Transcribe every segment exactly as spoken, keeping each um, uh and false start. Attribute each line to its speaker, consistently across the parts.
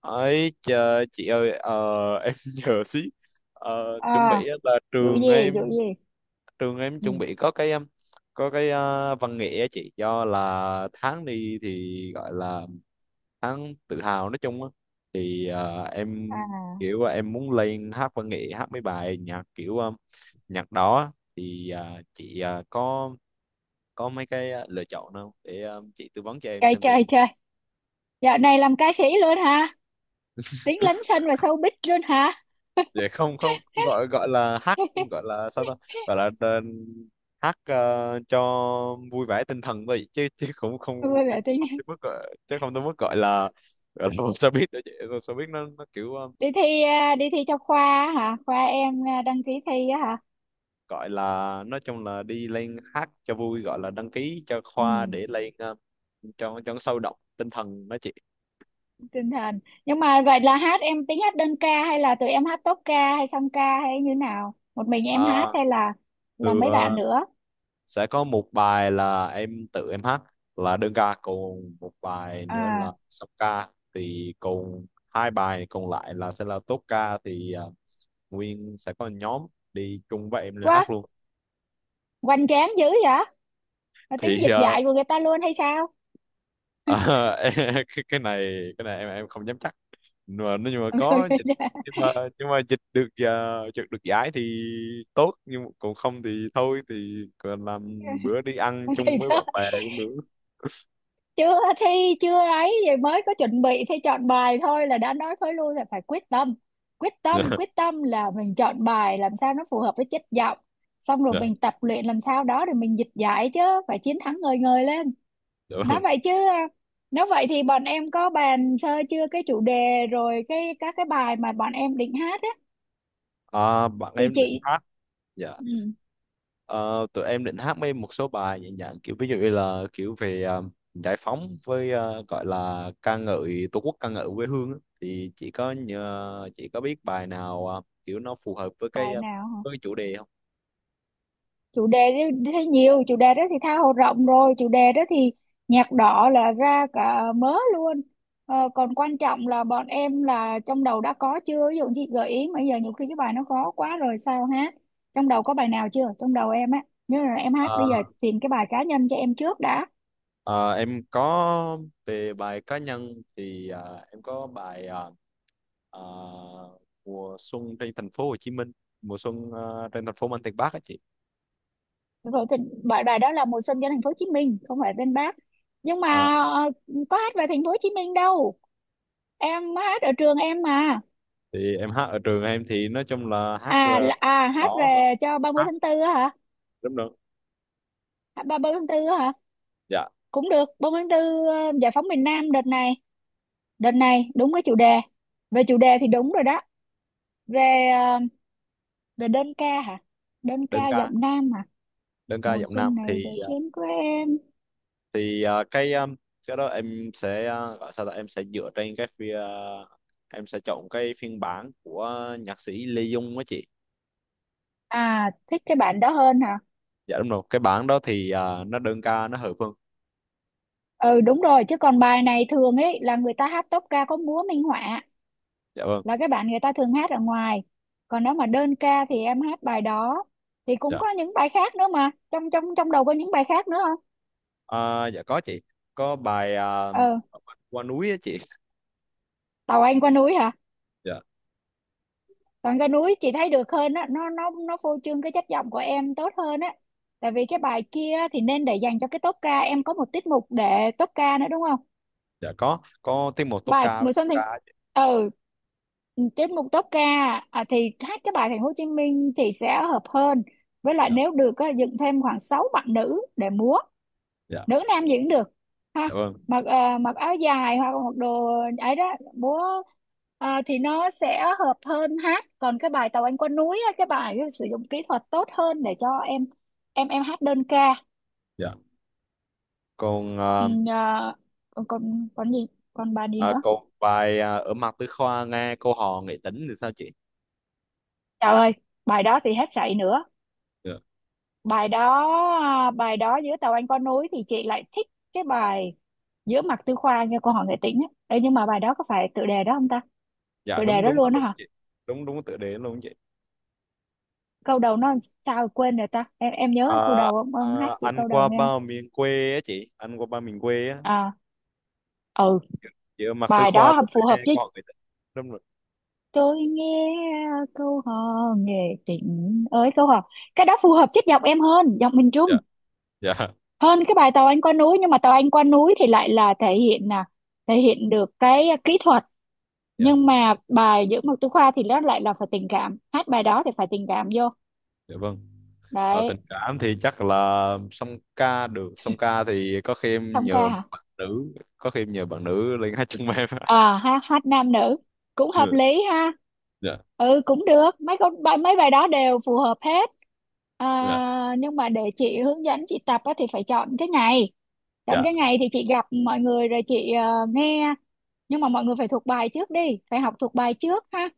Speaker 1: Ấy, chờ chị ơi, ờ, em nhờ xí. Ờ, chuẩn
Speaker 2: À,
Speaker 1: bị á là
Speaker 2: vụ
Speaker 1: trường
Speaker 2: gì
Speaker 1: em,
Speaker 2: vụ gì?
Speaker 1: trường em
Speaker 2: Ừ.
Speaker 1: chuẩn bị có cái um, có cái ờ, văn nghệ á chị, do là tháng đi thì gọi là tháng tự hào nói chung á. Thì ờ, em
Speaker 2: À,
Speaker 1: kiểu là em muốn lên hát văn nghệ, hát mấy bài nhạc kiểu um, nhạc đó á. Thì ờ, chị ờ, có có mấy cái ờ, lựa chọn nào để ờ, chị tư vấn cho em
Speaker 2: chơi
Speaker 1: xem thử.
Speaker 2: chơi chơi. Dạo này làm ca sĩ luôn hả? Tiếng lấn sân và showbiz luôn hả?
Speaker 1: Để không không gọi gọi là hát, gọi là sao ta, gọi là ờ, hack, ờ, cho vui vẻ tinh thần thôi, chứ chứ cũng không,
Speaker 2: Vui
Speaker 1: chứ
Speaker 2: vẻ tính.
Speaker 1: không tới mức gọi, chứ không tới mức gọi là, gọi là một showbiz đó chị. Một showbiz nó nó kiểu ờ,
Speaker 2: Đi thi à? Đi thi cho khoa hả? Khoa em à, đăng ký thi á hả?
Speaker 1: gọi là, nói chung là đi lên hát cho vui, gọi là đăng ký cho khoa
Speaker 2: Ừ,
Speaker 1: để lên ờ, cho cho nó sôi động tinh thần đó chị.
Speaker 2: tinh thần. Nhưng mà vậy là hát, em tính hát đơn ca hay là tụi em hát tốp ca hay song ca hay như nào, một mình em hát
Speaker 1: Ờ,
Speaker 2: hay là là
Speaker 1: từ
Speaker 2: mấy bạn
Speaker 1: ờ,
Speaker 2: nữa?
Speaker 1: sẽ có một bài là em tự em hát, là đơn ca, còn một bài nữa
Speaker 2: À,
Speaker 1: là song ca. Thì còn hai bài còn lại là sẽ là tốp ca, thì à, nguyên sẽ có nhóm đi chung với em lên hát
Speaker 2: quá
Speaker 1: luôn.
Speaker 2: hoành tráng dữ vậy. Mà tính
Speaker 1: Thì
Speaker 2: dịch
Speaker 1: ờ,
Speaker 2: dạy của người ta luôn hay sao?
Speaker 1: ờ, cái cái này, cái này em em không dám chắc, nhưng mà nếu mà có dịch, nhưng mà nhưng mà dịch được uh, được giải thì tốt, nhưng mà còn không thì thôi, thì còn làm bữa đi ăn
Speaker 2: Thì
Speaker 1: chung với
Speaker 2: đó,
Speaker 1: bạn bè cũng được.
Speaker 2: chưa thi, chưa ấy vậy mới có chuẩn bị thi chọn bài thôi là đã nói thôi luôn là phải quyết tâm quyết tâm. Quyết tâm là mình chọn bài làm sao nó phù hợp với chất giọng, xong rồi
Speaker 1: Dạ, dạ,
Speaker 2: mình tập luyện làm sao đó để mình dịch giải chứ, phải chiến thắng ngời ngời lên.
Speaker 1: dạ.
Speaker 2: Nói vậy chứ à, nếu vậy thì bọn em có bàn sơ chưa cái chủ đề rồi cái các cái bài mà bọn em định hát á
Speaker 1: À, bạn
Speaker 2: thì
Speaker 1: em định
Speaker 2: chị.
Speaker 1: hát. Dạ.
Speaker 2: Ừ,
Speaker 1: Ờ, Tụi em định hát mấy một số bài nhẹ nhàng, kiểu ví dụ như là kiểu về ờ, giải phóng, với ờ, gọi là ca ngợi tổ quốc, ca ngợi quê hương á. Thì chị có nhờ chị có biết bài nào ờ, kiểu nó phù hợp với cái
Speaker 2: bài
Speaker 1: ờ,
Speaker 2: nào
Speaker 1: với cái
Speaker 2: hả?
Speaker 1: chủ đề không?
Speaker 2: Chủ đề thì thấy nhiều chủ đề đó thì tha hồ rộng rồi, chủ đề đó thì nhạc đỏ là ra cả mớ luôn. Ờ, còn quan trọng là bọn em là trong đầu đã có chưa, ví dụ chị gợi ý mà giờ nhiều khi cái bài nó khó quá rồi sao hát. Trong đầu có bài nào chưa? Trong đầu em á, nếu là em hát bây giờ
Speaker 1: Ờ,
Speaker 2: tìm cái bài cá nhân cho em trước đã.
Speaker 1: ờ, em có. Về bài cá nhân thì ờ, em có bài ờ, ờ, mùa xuân trên thành phố Hồ Chí Minh, mùa xuân ờ, trên thành phố Mang Tiền Bắc á chị.
Speaker 2: Rồi thì bài bài đó là Mùa Xuân cho Thành Phố Hồ Chí Minh, không phải bên Bác. Nhưng mà
Speaker 1: Ờ,
Speaker 2: ờ, có hát về thành phố Hồ Chí Minh đâu, em hát ở trường em mà.
Speaker 1: thì em hát ở trường em thì nói chung là hát
Speaker 2: À
Speaker 1: ờ,
Speaker 2: là, à hát
Speaker 1: đó mà,
Speaker 2: về cho ba mươi
Speaker 1: hát,
Speaker 2: tháng tư á hả.
Speaker 1: đúng rồi.
Speaker 2: À, ba- 30 tháng tư á hả?
Speaker 1: Dạ.
Speaker 2: Cũng được, ba mươi tháng tư ờ, giải phóng miền Nam đợt này, đợt này đúng cái chủ đề. Về chủ đề thì đúng rồi đó. Về ờ, về đơn ca hả? Đơn
Speaker 1: Đơn
Speaker 2: ca
Speaker 1: ca.
Speaker 2: giọng nam hả?
Speaker 1: Đơn ca
Speaker 2: Mùa
Speaker 1: giọng nam
Speaker 2: xuân này về
Speaker 1: thì ờ,
Speaker 2: chén của em.
Speaker 1: thì ờ, cái ờ, cái đó em sẽ ờ, gọi sao, là em sẽ dựa trên cái phi, ờ, em sẽ chọn cái phiên bản của nhạc sĩ Lê Dung á chị.
Speaker 2: À, thích cái bản đó hơn hả?
Speaker 1: Dạ đúng rồi, cái bản đó thì ờ, nó đơn ca nó hợp hơn.
Speaker 2: Ừ đúng rồi, chứ còn bài này thường ấy là người ta hát tốp ca có múa minh họa,
Speaker 1: Dạ vâng.
Speaker 2: là cái bản người ta thường hát ở ngoài. Còn nếu mà đơn ca thì em hát bài đó, thì cũng
Speaker 1: Dạ.
Speaker 2: có những bài khác nữa mà. Trong trong trong đầu có những bài khác nữa không?
Speaker 1: Ờ, dạ có chị, có bài ờ,
Speaker 2: Ừ,
Speaker 1: qua núi á chị.
Speaker 2: Tàu Anh qua núi hả?
Speaker 1: Dạ.
Speaker 2: Còn cái núi chị thấy được hơn á, nó nó nó phô trương cái chất giọng của em tốt hơn á, tại vì cái bài kia thì nên để dành cho cái tốp ca, em có một tiết mục để tốp ca nữa đúng không?
Speaker 1: Dạ, có có tiết mục tốp
Speaker 2: Bài
Speaker 1: ca với
Speaker 2: mùa
Speaker 1: song
Speaker 2: xuân thì,
Speaker 1: ca á chị.
Speaker 2: ừ, tiết mục tốp ca, à, thì hát cái bài Thành Phố Hồ Chí Minh thì sẽ hợp hơn. Với lại
Speaker 1: Dạ.
Speaker 2: nếu được á, dựng thêm khoảng sáu bạn nữ để múa,
Speaker 1: Dạ.
Speaker 2: nữ nam gì cũng được, ha.
Speaker 1: Dạ vâng.
Speaker 2: Mặc ờ, mặc áo dài hoặc mặc đồ ấy đó, bố, ờ, thì nó sẽ hợp hơn hát. Còn cái bài tàu anh qua núi á, cái bài ấy sử dụng kỹ thuật tốt hơn để cho em, em em hát đơn ca.
Speaker 1: Dạ. Còn
Speaker 2: Ừ,
Speaker 1: ờ,
Speaker 2: ờ, còn còn còn gì, còn bài gì
Speaker 1: à,
Speaker 2: nữa?
Speaker 1: câu bài à, "Ở mặt tư khoa nghe câu hò nghệ tính" thì sao chị?
Speaker 2: Trời ơi, bài đó thì hết sảy nữa.
Speaker 1: Dạ.
Speaker 2: Bài đó, à, bài đó giữa tàu anh qua núi thì chị lại thích cái bài giữa mặt tư khoa nghe cô hỏi nghệ tĩnh á. Ê, nhưng mà bài đó có phải tựa đề đó không ta?
Speaker 1: Dạ,
Speaker 2: Tựa đề
Speaker 1: đúng
Speaker 2: đó
Speaker 1: đúng đó,
Speaker 2: luôn á
Speaker 1: đúng
Speaker 2: hả?
Speaker 1: chị. Đúng đúng, tựa đề luôn chị.
Speaker 2: Câu đầu nó làm sao rồi quên rồi ta, em em nhớ câu
Speaker 1: à,
Speaker 2: đầu không, ông hát
Speaker 1: à,
Speaker 2: chị
Speaker 1: "Anh
Speaker 2: câu đầu
Speaker 1: qua
Speaker 2: nghe không?
Speaker 1: bao miền quê" á chị, "anh qua bao miền quê" á,
Speaker 2: À, ừ,
Speaker 1: "chị ở mặt tư
Speaker 2: bài
Speaker 1: khoa
Speaker 2: đó hợp-
Speaker 1: tôi
Speaker 2: phù hợp
Speaker 1: nghe
Speaker 2: với,
Speaker 1: câu hò nghệ tính". Đúng rồi.
Speaker 2: tôi nghe câu hò nghệ tình ơi câu hò. Cái đó phù hợp chất giọng em hơn, giọng miền Trung,
Speaker 1: Dạ. Dạ.
Speaker 2: hơn cái bài tàu anh qua núi. Nhưng mà tàu anh qua núi thì lại là thể hiện là thể hiện được cái kỹ thuật.
Speaker 1: Dạ
Speaker 2: Nhưng mà bài giữa một tú khoa thì nó lại là phải tình cảm, hát bài đó thì phải tình cảm vô,
Speaker 1: dạ vâng. Ờ, tình
Speaker 2: đấy.
Speaker 1: cảm thì chắc là song ca được. Song ca thì có khi em
Speaker 2: Xong
Speaker 1: nhờ
Speaker 2: ca
Speaker 1: một
Speaker 2: hả?
Speaker 1: bạn nữ, có khi em nhờ bạn nữ lên hát chung với em.
Speaker 2: À ha, hát nam nữ cũng hợp
Speaker 1: Ừ,
Speaker 2: lý ha.
Speaker 1: dạ.
Speaker 2: Ừ, cũng được, mấy con bài mấy bài đó đều phù hợp hết.
Speaker 1: Dạ.
Speaker 2: À, nhưng mà để chị hướng dẫn chị tập á, thì phải chọn cái ngày. Chọn
Speaker 1: Dạ.
Speaker 2: cái ngày thì chị gặp mọi người rồi chị ờ, nghe. Nhưng mà mọi người phải thuộc bài trước đi, phải học thuộc bài trước ha.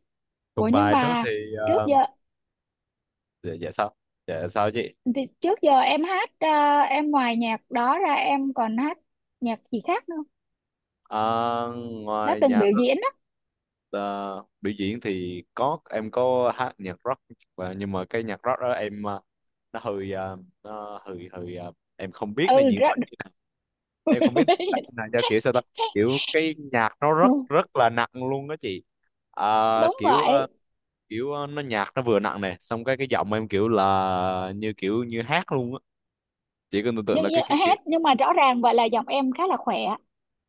Speaker 2: Ủa
Speaker 1: Thuộc
Speaker 2: nhưng
Speaker 1: bài trước
Speaker 2: mà
Speaker 1: thì
Speaker 2: trước
Speaker 1: ờ,
Speaker 2: giờ,
Speaker 1: dạ, dạ sao? Dạ, sao chị?
Speaker 2: thì trước giờ em hát ờ, em ngoài nhạc đó ra em còn hát nhạc gì khác nữa không?
Speaker 1: À,
Speaker 2: Đã
Speaker 1: ngoài
Speaker 2: từng
Speaker 1: nhạc
Speaker 2: biểu diễn á.
Speaker 1: ờ, biểu diễn thì có, em có hát nhạc rock và nhưng mà cái nhạc rock đó em ờ, nó hơi ờ, nó hơi hơi ờ, em không biết
Speaker 2: Ừ
Speaker 1: nên diễn tả
Speaker 2: ra,
Speaker 1: như nào, em không biết diễn tả như nào cho kiểu sao ta. Kiểu cái nhạc nó rất rất là nặng luôn đó chị. Ờ,
Speaker 2: đúng
Speaker 1: kiểu ờ,
Speaker 2: vậy.
Speaker 1: kiểu ờ, nó nhạc nó vừa nặng này, xong cái cái giọng em kiểu là như kiểu như hát luôn á. Chị có tưởng tượng
Speaker 2: nhưng,
Speaker 1: là cái
Speaker 2: nhưng
Speaker 1: cái kiểu.
Speaker 2: hết nhưng mà rõ ràng vậy là giọng em khá là khỏe.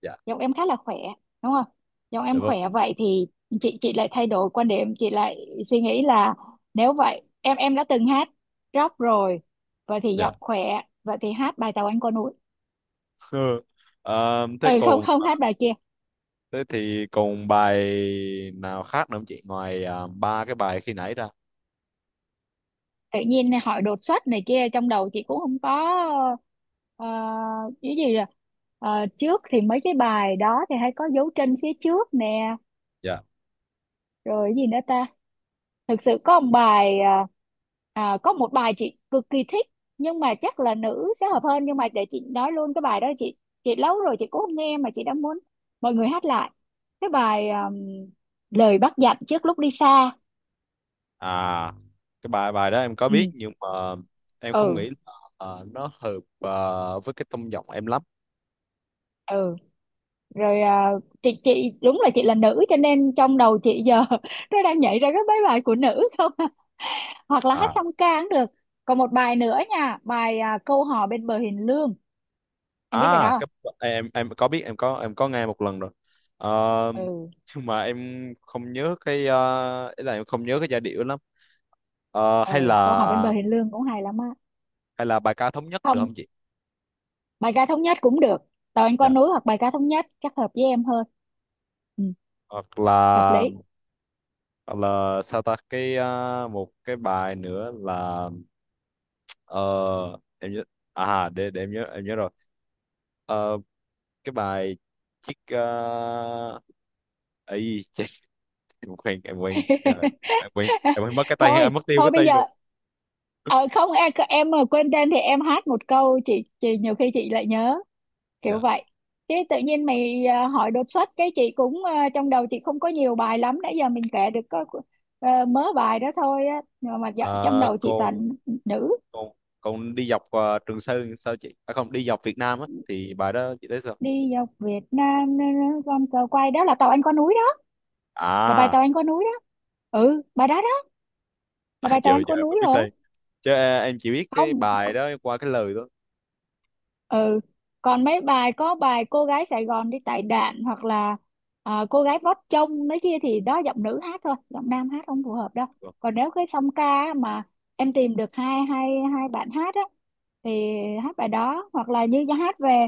Speaker 1: Dạ.
Speaker 2: Giọng em khá là khỏe đúng không? Giọng
Speaker 1: Dạ
Speaker 2: em
Speaker 1: vâng.
Speaker 2: khỏe vậy thì chị chị lại thay đổi quan điểm, chị lại suy nghĩ là nếu vậy em em đã từng hát rock rồi, vậy thì
Speaker 1: Dạ.
Speaker 2: giọng khỏe vậy thì hát bài Tàu Anh Qua Núi.
Speaker 1: Ờ, Thế
Speaker 2: Ừ, không
Speaker 1: còn,
Speaker 2: không hát bài kia.
Speaker 1: thế thì còn bài nào khác nữa không chị, ngoài à, ba cái bài khi nãy ra?
Speaker 2: Tự nhiên hỏi đột xuất này kia trong đầu chị cũng không có ờ, cái gì là. Ờ, trước thì mấy cái bài đó thì hay có Dấu Chân Phía Trước nè,
Speaker 1: Dạ.
Speaker 2: rồi cái gì nữa ta? Thực sự có một bài à, à, có một bài chị cực kỳ thích, nhưng mà chắc là nữ sẽ hợp hơn, nhưng mà để chị nói luôn cái bài đó. Chị chị lâu rồi chị cũng không nghe mà chị đã muốn mọi người hát lại cái bài, à, Lời Bác Dặn Trước Lúc Đi Xa.
Speaker 1: À, cái bài bài đó em có
Speaker 2: Ừ,
Speaker 1: biết nhưng mà em không
Speaker 2: ừ,
Speaker 1: nghĩ là ờ, nó hợp ờ, với cái tông giọng em lắm.
Speaker 2: ừ, rồi, à, chị chị đúng là chị là nữ cho nên trong đầu chị giờ nó đang nhảy ra cái mấy bài của nữ không à. Hoặc là hát
Speaker 1: À.
Speaker 2: song ca cũng được. Còn một bài nữa nha, bài à, Câu Hò Bên Bờ Hiền Lương. Em biết bài đó
Speaker 1: à
Speaker 2: không?
Speaker 1: cái, em em có biết, em có em có nghe một lần rồi. Ờ,
Speaker 2: Ừ.
Speaker 1: nhưng mà em không nhớ cái ờ, ý là em không nhớ cái giai điệu lắm. Ờ,
Speaker 2: Ờ,
Speaker 1: hay
Speaker 2: Câu
Speaker 1: là
Speaker 2: Hỏi Bên Bờ Hiền Lương cũng hay lắm á.
Speaker 1: Hay là bài "Ca thống nhất" được
Speaker 2: Không,
Speaker 1: không chị?
Speaker 2: bài ca thống nhất cũng được. Tàu anh
Speaker 1: Dạ.
Speaker 2: con núi hoặc Bài Ca Thống Nhất chắc hợp với em hơn. Ừ,
Speaker 1: Hoặc
Speaker 2: hợp
Speaker 1: là,
Speaker 2: lý.
Speaker 1: Hoặc là sao ta, cái à, một cái bài nữa là ờ, em nhớ, à để để em nhớ em nhớ rồi. Ờ, cái bài chiếc, uh, ấy chết, em quên em quên. Trời, em quên em quên mất cái tên,
Speaker 2: Thôi
Speaker 1: em mất tiêu
Speaker 2: thôi
Speaker 1: cái
Speaker 2: bây
Speaker 1: tên
Speaker 2: giờ,
Speaker 1: rồi.
Speaker 2: ờ, không em em mà quên tên thì em hát một câu chị chị nhiều khi chị lại nhớ kiểu
Speaker 1: Dạ.
Speaker 2: vậy. Chứ tự nhiên mày ờ, hỏi đột xuất, cái chị cũng ờ, trong đầu chị không có nhiều bài lắm, nãy giờ mình kể được có ờ, mớ bài đó thôi á, nhưng mà
Speaker 1: À,
Speaker 2: dạ- trong đầu chị
Speaker 1: còn
Speaker 2: toàn nữ.
Speaker 1: còn còn đi dọc ờ, Trường Sơn sao chị, à, không, đi dọc Việt Nam á, thì bài đó chị thấy sao?
Speaker 2: Đi dọc Việt Nam nơ, con cờ quay đó là tàu anh qua núi đó, là bài
Speaker 1: à,
Speaker 2: tàu anh qua núi đó. Ừ, bài đó đó, là
Speaker 1: À,
Speaker 2: bài
Speaker 1: giờ
Speaker 2: tàu anh
Speaker 1: giờ
Speaker 2: qua
Speaker 1: em mới
Speaker 2: núi
Speaker 1: biết
Speaker 2: rồi.
Speaker 1: tên, chứ ờ, em chỉ biết cái
Speaker 2: Không c-
Speaker 1: bài đó qua cái lời
Speaker 2: ừ, còn mấy bài có bài Cô Gái Sài Gòn Đi Tải Đạn hoặc là à, Cô Gái Vót Trông mấy kia, thì đó giọng nữ hát thôi, giọng nam hát không phù hợp đâu.
Speaker 1: thôi.
Speaker 2: Còn nếu cái song ca á, mà em tìm được hai hai hai bạn hát á, thì hát bài đó hoặc là như hát về,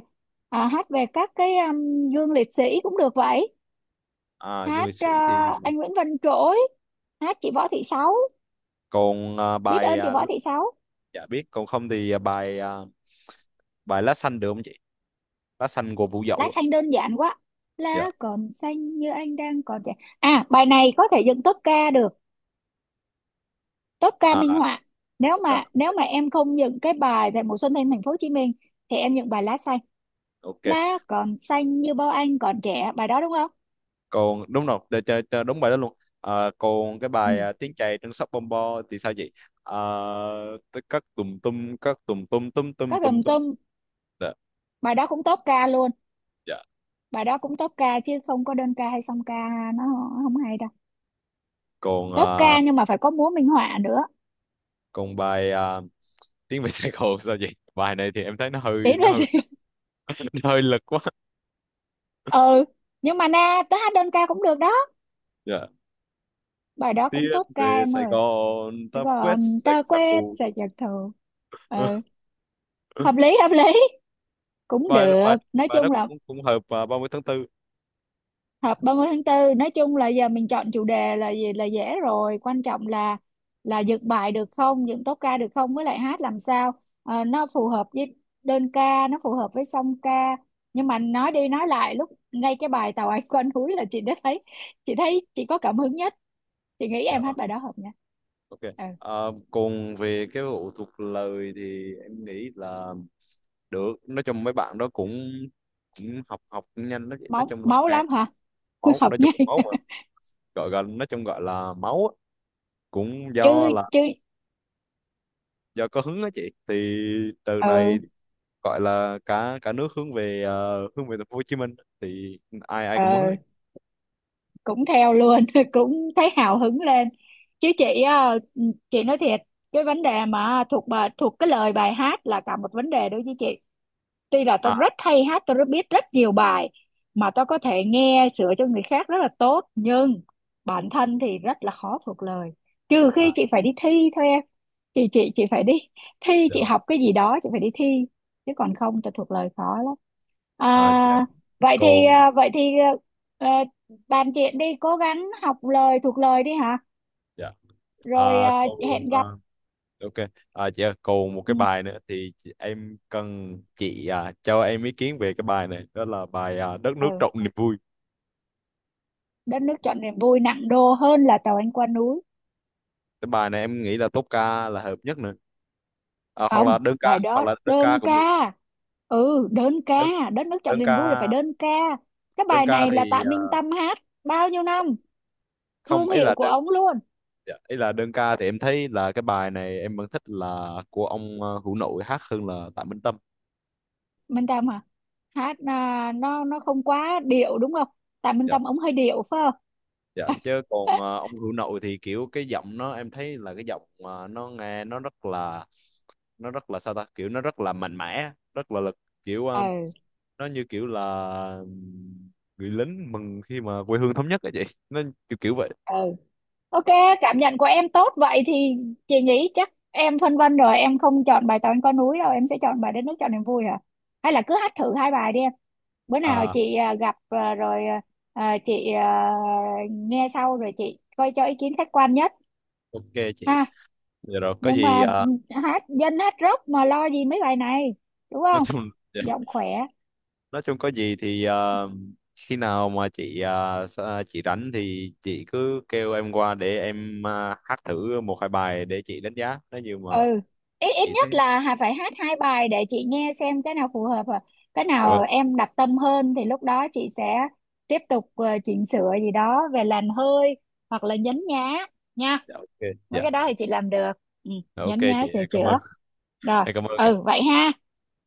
Speaker 2: à, hát về các cái um, gương liệt sĩ cũng được vậy.
Speaker 1: À du
Speaker 2: Hát
Speaker 1: lịch
Speaker 2: ờ,
Speaker 1: sĩ thì,
Speaker 2: anh Nguyễn Văn Trỗi, hát chị Võ Thị Sáu,
Speaker 1: còn à,
Speaker 2: Biết
Speaker 1: bài
Speaker 2: Ơn Chị
Speaker 1: à,
Speaker 2: Võ Thị Sáu.
Speaker 1: dạ biết, còn không thì à, bài à, bài "Lá xanh" được không chị, "Lá xanh" của Vũ
Speaker 2: Lá
Speaker 1: Dậu á.
Speaker 2: Xanh đơn giản quá.
Speaker 1: Dạ.
Speaker 2: Lá còn xanh như anh đang còn trẻ, à bài này có thể dựng tốp ca được, tốp ca minh
Speaker 1: À,
Speaker 2: họa. nếu mà
Speaker 1: ok,
Speaker 2: nếu mà em không dựng cái bài về Mùa Xuân Thanh Thành Phố Hồ Chí Minh thì em dựng bài Lá Xanh.
Speaker 1: ok,
Speaker 2: Lá còn xanh như bao anh còn trẻ, bài đó đúng không?
Speaker 1: còn đúng rồi, để cho- cho đúng bài đó luôn. À, còn cái
Speaker 2: Ừ,
Speaker 1: bài à, "Tiếng chày trên sóc Bom Bo" thì sao chị? à, tất- các tùm tum, các tùm tum tum tum
Speaker 2: các
Speaker 1: tum
Speaker 2: đồng
Speaker 1: tum.
Speaker 2: tâm,
Speaker 1: Dạ.
Speaker 2: bài đó cũng tốp ca luôn,
Speaker 1: Dạ.
Speaker 2: bài đó cũng tốp ca chứ không có đơn ca hay song ca, nó không hay đâu.
Speaker 1: Còn à,
Speaker 2: Tốp ca nhưng mà phải có múa minh họa nữa.
Speaker 1: còn bài à, tiếng về Sài Gòn" sao chị? Bài này thì em thấy nó hơi,
Speaker 2: Tiến
Speaker 1: nó hơi
Speaker 2: về.
Speaker 1: nó hơi lực quá.
Speaker 2: Ừ, nhưng mà na tớ hát đơn ca cũng được đó.
Speaker 1: Dạ,
Speaker 2: Bài đó cũng
Speaker 1: "Tiến
Speaker 2: top ca
Speaker 1: về
Speaker 2: em
Speaker 1: Sài
Speaker 2: ơi.
Speaker 1: Gòn
Speaker 2: Thế
Speaker 1: ta quét
Speaker 2: còn
Speaker 1: sạch
Speaker 2: ta
Speaker 1: giặc
Speaker 2: quét
Speaker 1: thù".
Speaker 2: sẽ giật thù. Ừ, hợp lý hợp lý, cũng
Speaker 1: bài
Speaker 2: được
Speaker 1: bài
Speaker 2: nói
Speaker 1: bài đó
Speaker 2: chung là
Speaker 1: cũng cũng hợp vào ba mươi tháng tư.
Speaker 2: họp ba mươi tháng tư. Nói chung là giờ mình chọn chủ đề là gì là dễ rồi, quan trọng là là dựng bài được không, dựng tốp ca được không, với lại hát làm sao. Ờ, nó phù hợp với đơn ca, nó phù hợp với song ca. Nhưng mà nói đi nói lại lúc ngay cái bài Tàu Anh Quanh Núi là chị đã thấy, chị thấy chị có cảm hứng nhất, chị nghĩ
Speaker 1: Dạ
Speaker 2: em hát
Speaker 1: vâng.
Speaker 2: bài đó hợp nha.
Speaker 1: Ok.
Speaker 2: Ừ.
Speaker 1: à, Còn về cái vụ thuộc lời thì em nghĩ là được, nói chung mấy bạn đó cũng cũng học học cũng nhanh, nói, nói
Speaker 2: Máu
Speaker 1: chung là
Speaker 2: máu
Speaker 1: nghe.
Speaker 2: lắm hả?
Speaker 1: Máu,
Speaker 2: Hợp
Speaker 1: nói chung
Speaker 2: nhai.
Speaker 1: là máu mà. Gọi gần, nói chung gọi là máu á. Cũng
Speaker 2: chứ
Speaker 1: do là,
Speaker 2: chứ
Speaker 1: do có hứng á chị, thì từ này
Speaker 2: ừ,
Speaker 1: gọi là cả cả nước hướng về, ờ, hướng về thành phố Hồ Chí Minh, thì ai ai cũng hứng
Speaker 2: ừ,
Speaker 1: ấy.
Speaker 2: cũng theo luôn. Cũng thấy hào hứng lên. Chứ chị ờ, chị nói thiệt, cái vấn đề mà thuộc bài thuộc cái lời bài hát là cả một vấn đề đối với chị, tuy là tôi
Speaker 1: à
Speaker 2: rất hay hát, tôi rất biết rất nhiều bài, mà tôi có thể nghe sửa cho người khác rất là tốt, nhưng bản thân thì rất là khó thuộc lời, trừ khi
Speaker 1: à
Speaker 2: chị phải đi thi thôi em. Chị chị chị phải đi thi,
Speaker 1: dạ.
Speaker 2: chị học cái gì đó chị phải đi thi, chứ còn không tôi thuộc lời khó lắm. À,
Speaker 1: À dạ
Speaker 2: vậy thì
Speaker 1: còn.
Speaker 2: à, vậy thì à, à, bàn chuyện đi, cố gắng học lời thuộc lời đi hả.
Speaker 1: Dạ.
Speaker 2: Rồi
Speaker 1: À
Speaker 2: à,
Speaker 1: còn.
Speaker 2: hẹn
Speaker 1: à,
Speaker 2: gặp.
Speaker 1: ok. À dạ, còn một
Speaker 2: Ừ.
Speaker 1: cái bài nữa thì chị- em cần chị à, cho em ý kiến về cái bài này, đó là bài à, "Đất nước
Speaker 2: Ừ.
Speaker 1: trọn niềm vui".
Speaker 2: Đất Nước Chọn Niềm Vui nặng đô hơn là tàu anh qua núi.
Speaker 1: Cái bài này em nghĩ là tốp ca là hợp nhất nữa, à, hoặc là
Speaker 2: Không,
Speaker 1: đơn
Speaker 2: bài
Speaker 1: ca, hoặc
Speaker 2: đó
Speaker 1: là đơn ca
Speaker 2: đơn ca.
Speaker 1: cũng được.
Speaker 2: Ừ đơn ca,
Speaker 1: Đơn
Speaker 2: Đất Nước Chọn
Speaker 1: đơn
Speaker 2: Niềm Vui là
Speaker 1: ca.
Speaker 2: phải đơn ca. Cái
Speaker 1: Đơn
Speaker 2: bài
Speaker 1: ca
Speaker 2: này là
Speaker 1: thì
Speaker 2: Tạ
Speaker 1: à,
Speaker 2: Minh Tâm hát bao nhiêu năm,
Speaker 1: không
Speaker 2: thương
Speaker 1: ấy
Speaker 2: hiệu
Speaker 1: là
Speaker 2: của
Speaker 1: đơn.
Speaker 2: ông luôn.
Speaker 1: Dạ, ý là đơn ca thì em thấy là cái bài này em vẫn thích là của ông à, Hữu Nội hát hơn là Tạ Minh Tâm.
Speaker 2: Minh Tâm hả, hát à, nó nó không quá điệu đúng không? Tạ Minh
Speaker 1: Dạ.
Speaker 2: Tâm ông hơi điệu phải không?
Speaker 1: Dạ, chứ còn ờ, ông Hữu Nội thì kiểu cái giọng nó em thấy là cái giọng mà nó nghe nó rất là, nó rất là sao ta, kiểu nó rất là mạnh mẽ, rất là lực, kiểu ờ,
Speaker 2: Ừ,
Speaker 1: nó như kiểu là ừm, người lính mừng khi mà quê hương thống nhất ấy chị, nó kiểu kiểu vậy.
Speaker 2: ừ, Ok, cảm nhận của em tốt vậy thì chị nghĩ chắc em phân vân rồi, em không chọn bài Tàu Anh Có Núi đâu, em sẽ chọn bài Đất Nước Cho Niềm Vui hả? Hay là cứ hát thử hai bài đi em. Bữa nào
Speaker 1: À,
Speaker 2: chị à, gặp à, rồi à, à, chị à, nghe sau rồi chị coi cho ý kiến khách quan nhất
Speaker 1: ok chị.
Speaker 2: ha.
Speaker 1: Dạ rồi, có
Speaker 2: Nhưng
Speaker 1: gì
Speaker 2: mà
Speaker 1: ờ,
Speaker 2: hát dân hát rock mà lo gì mấy bài này, đúng
Speaker 1: nói
Speaker 2: không?
Speaker 1: chung dạ,
Speaker 2: Giọng khỏe.
Speaker 1: nói chung có gì thì ờ, khi nào mà chị ờ, sa- chị rảnh thì chị cứ kêu em qua để em ờ, hát thử một hai bài để chị đánh giá, nếu như mà
Speaker 2: Ừ, ít ít
Speaker 1: chị thấy.
Speaker 2: nhất là hà- phải hát hai bài để chị nghe xem cái nào phù hợp à. Cái
Speaker 1: Dạ vâng.
Speaker 2: nào em đặt tâm hơn thì lúc đó chị sẽ tiếp tục ờ, chỉnh sửa gì đó về làn hơi hoặc là nhấn nhá nha.
Speaker 1: Dạ ok.
Speaker 2: Mấy
Speaker 1: Dạ.
Speaker 2: cái đó thì chị làm được. Ừ,
Speaker 1: Dạ, ok
Speaker 2: nhấn nhá
Speaker 1: chị,
Speaker 2: sửa
Speaker 1: em cảm ơn.
Speaker 2: chữa. Rồi.
Speaker 1: Em cảm ơn ạ.
Speaker 2: Ừ vậy ha.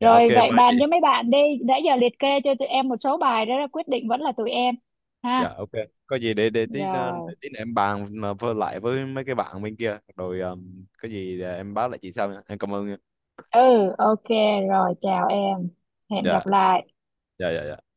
Speaker 1: Dạ ok
Speaker 2: vậy
Speaker 1: ba chị.
Speaker 2: bàn cho mấy bạn đi đã, giờ liệt kê cho tụi em một số bài, đó là quyết định vẫn là tụi em, ha.
Speaker 1: Dạ ok. Có gì để để tí, ờ, để
Speaker 2: Rồi.
Speaker 1: tí nữa em bàn mà với lại với mấy cái bạn bên kia, rồi ờ, có gì ờ, em báo lại chị sau nha, em cảm ơn nha.
Speaker 2: Ừ, ok, rồi chào em, hẹn
Speaker 1: Dạ,
Speaker 2: gặp lại.
Speaker 1: dạ, dạ, dạ.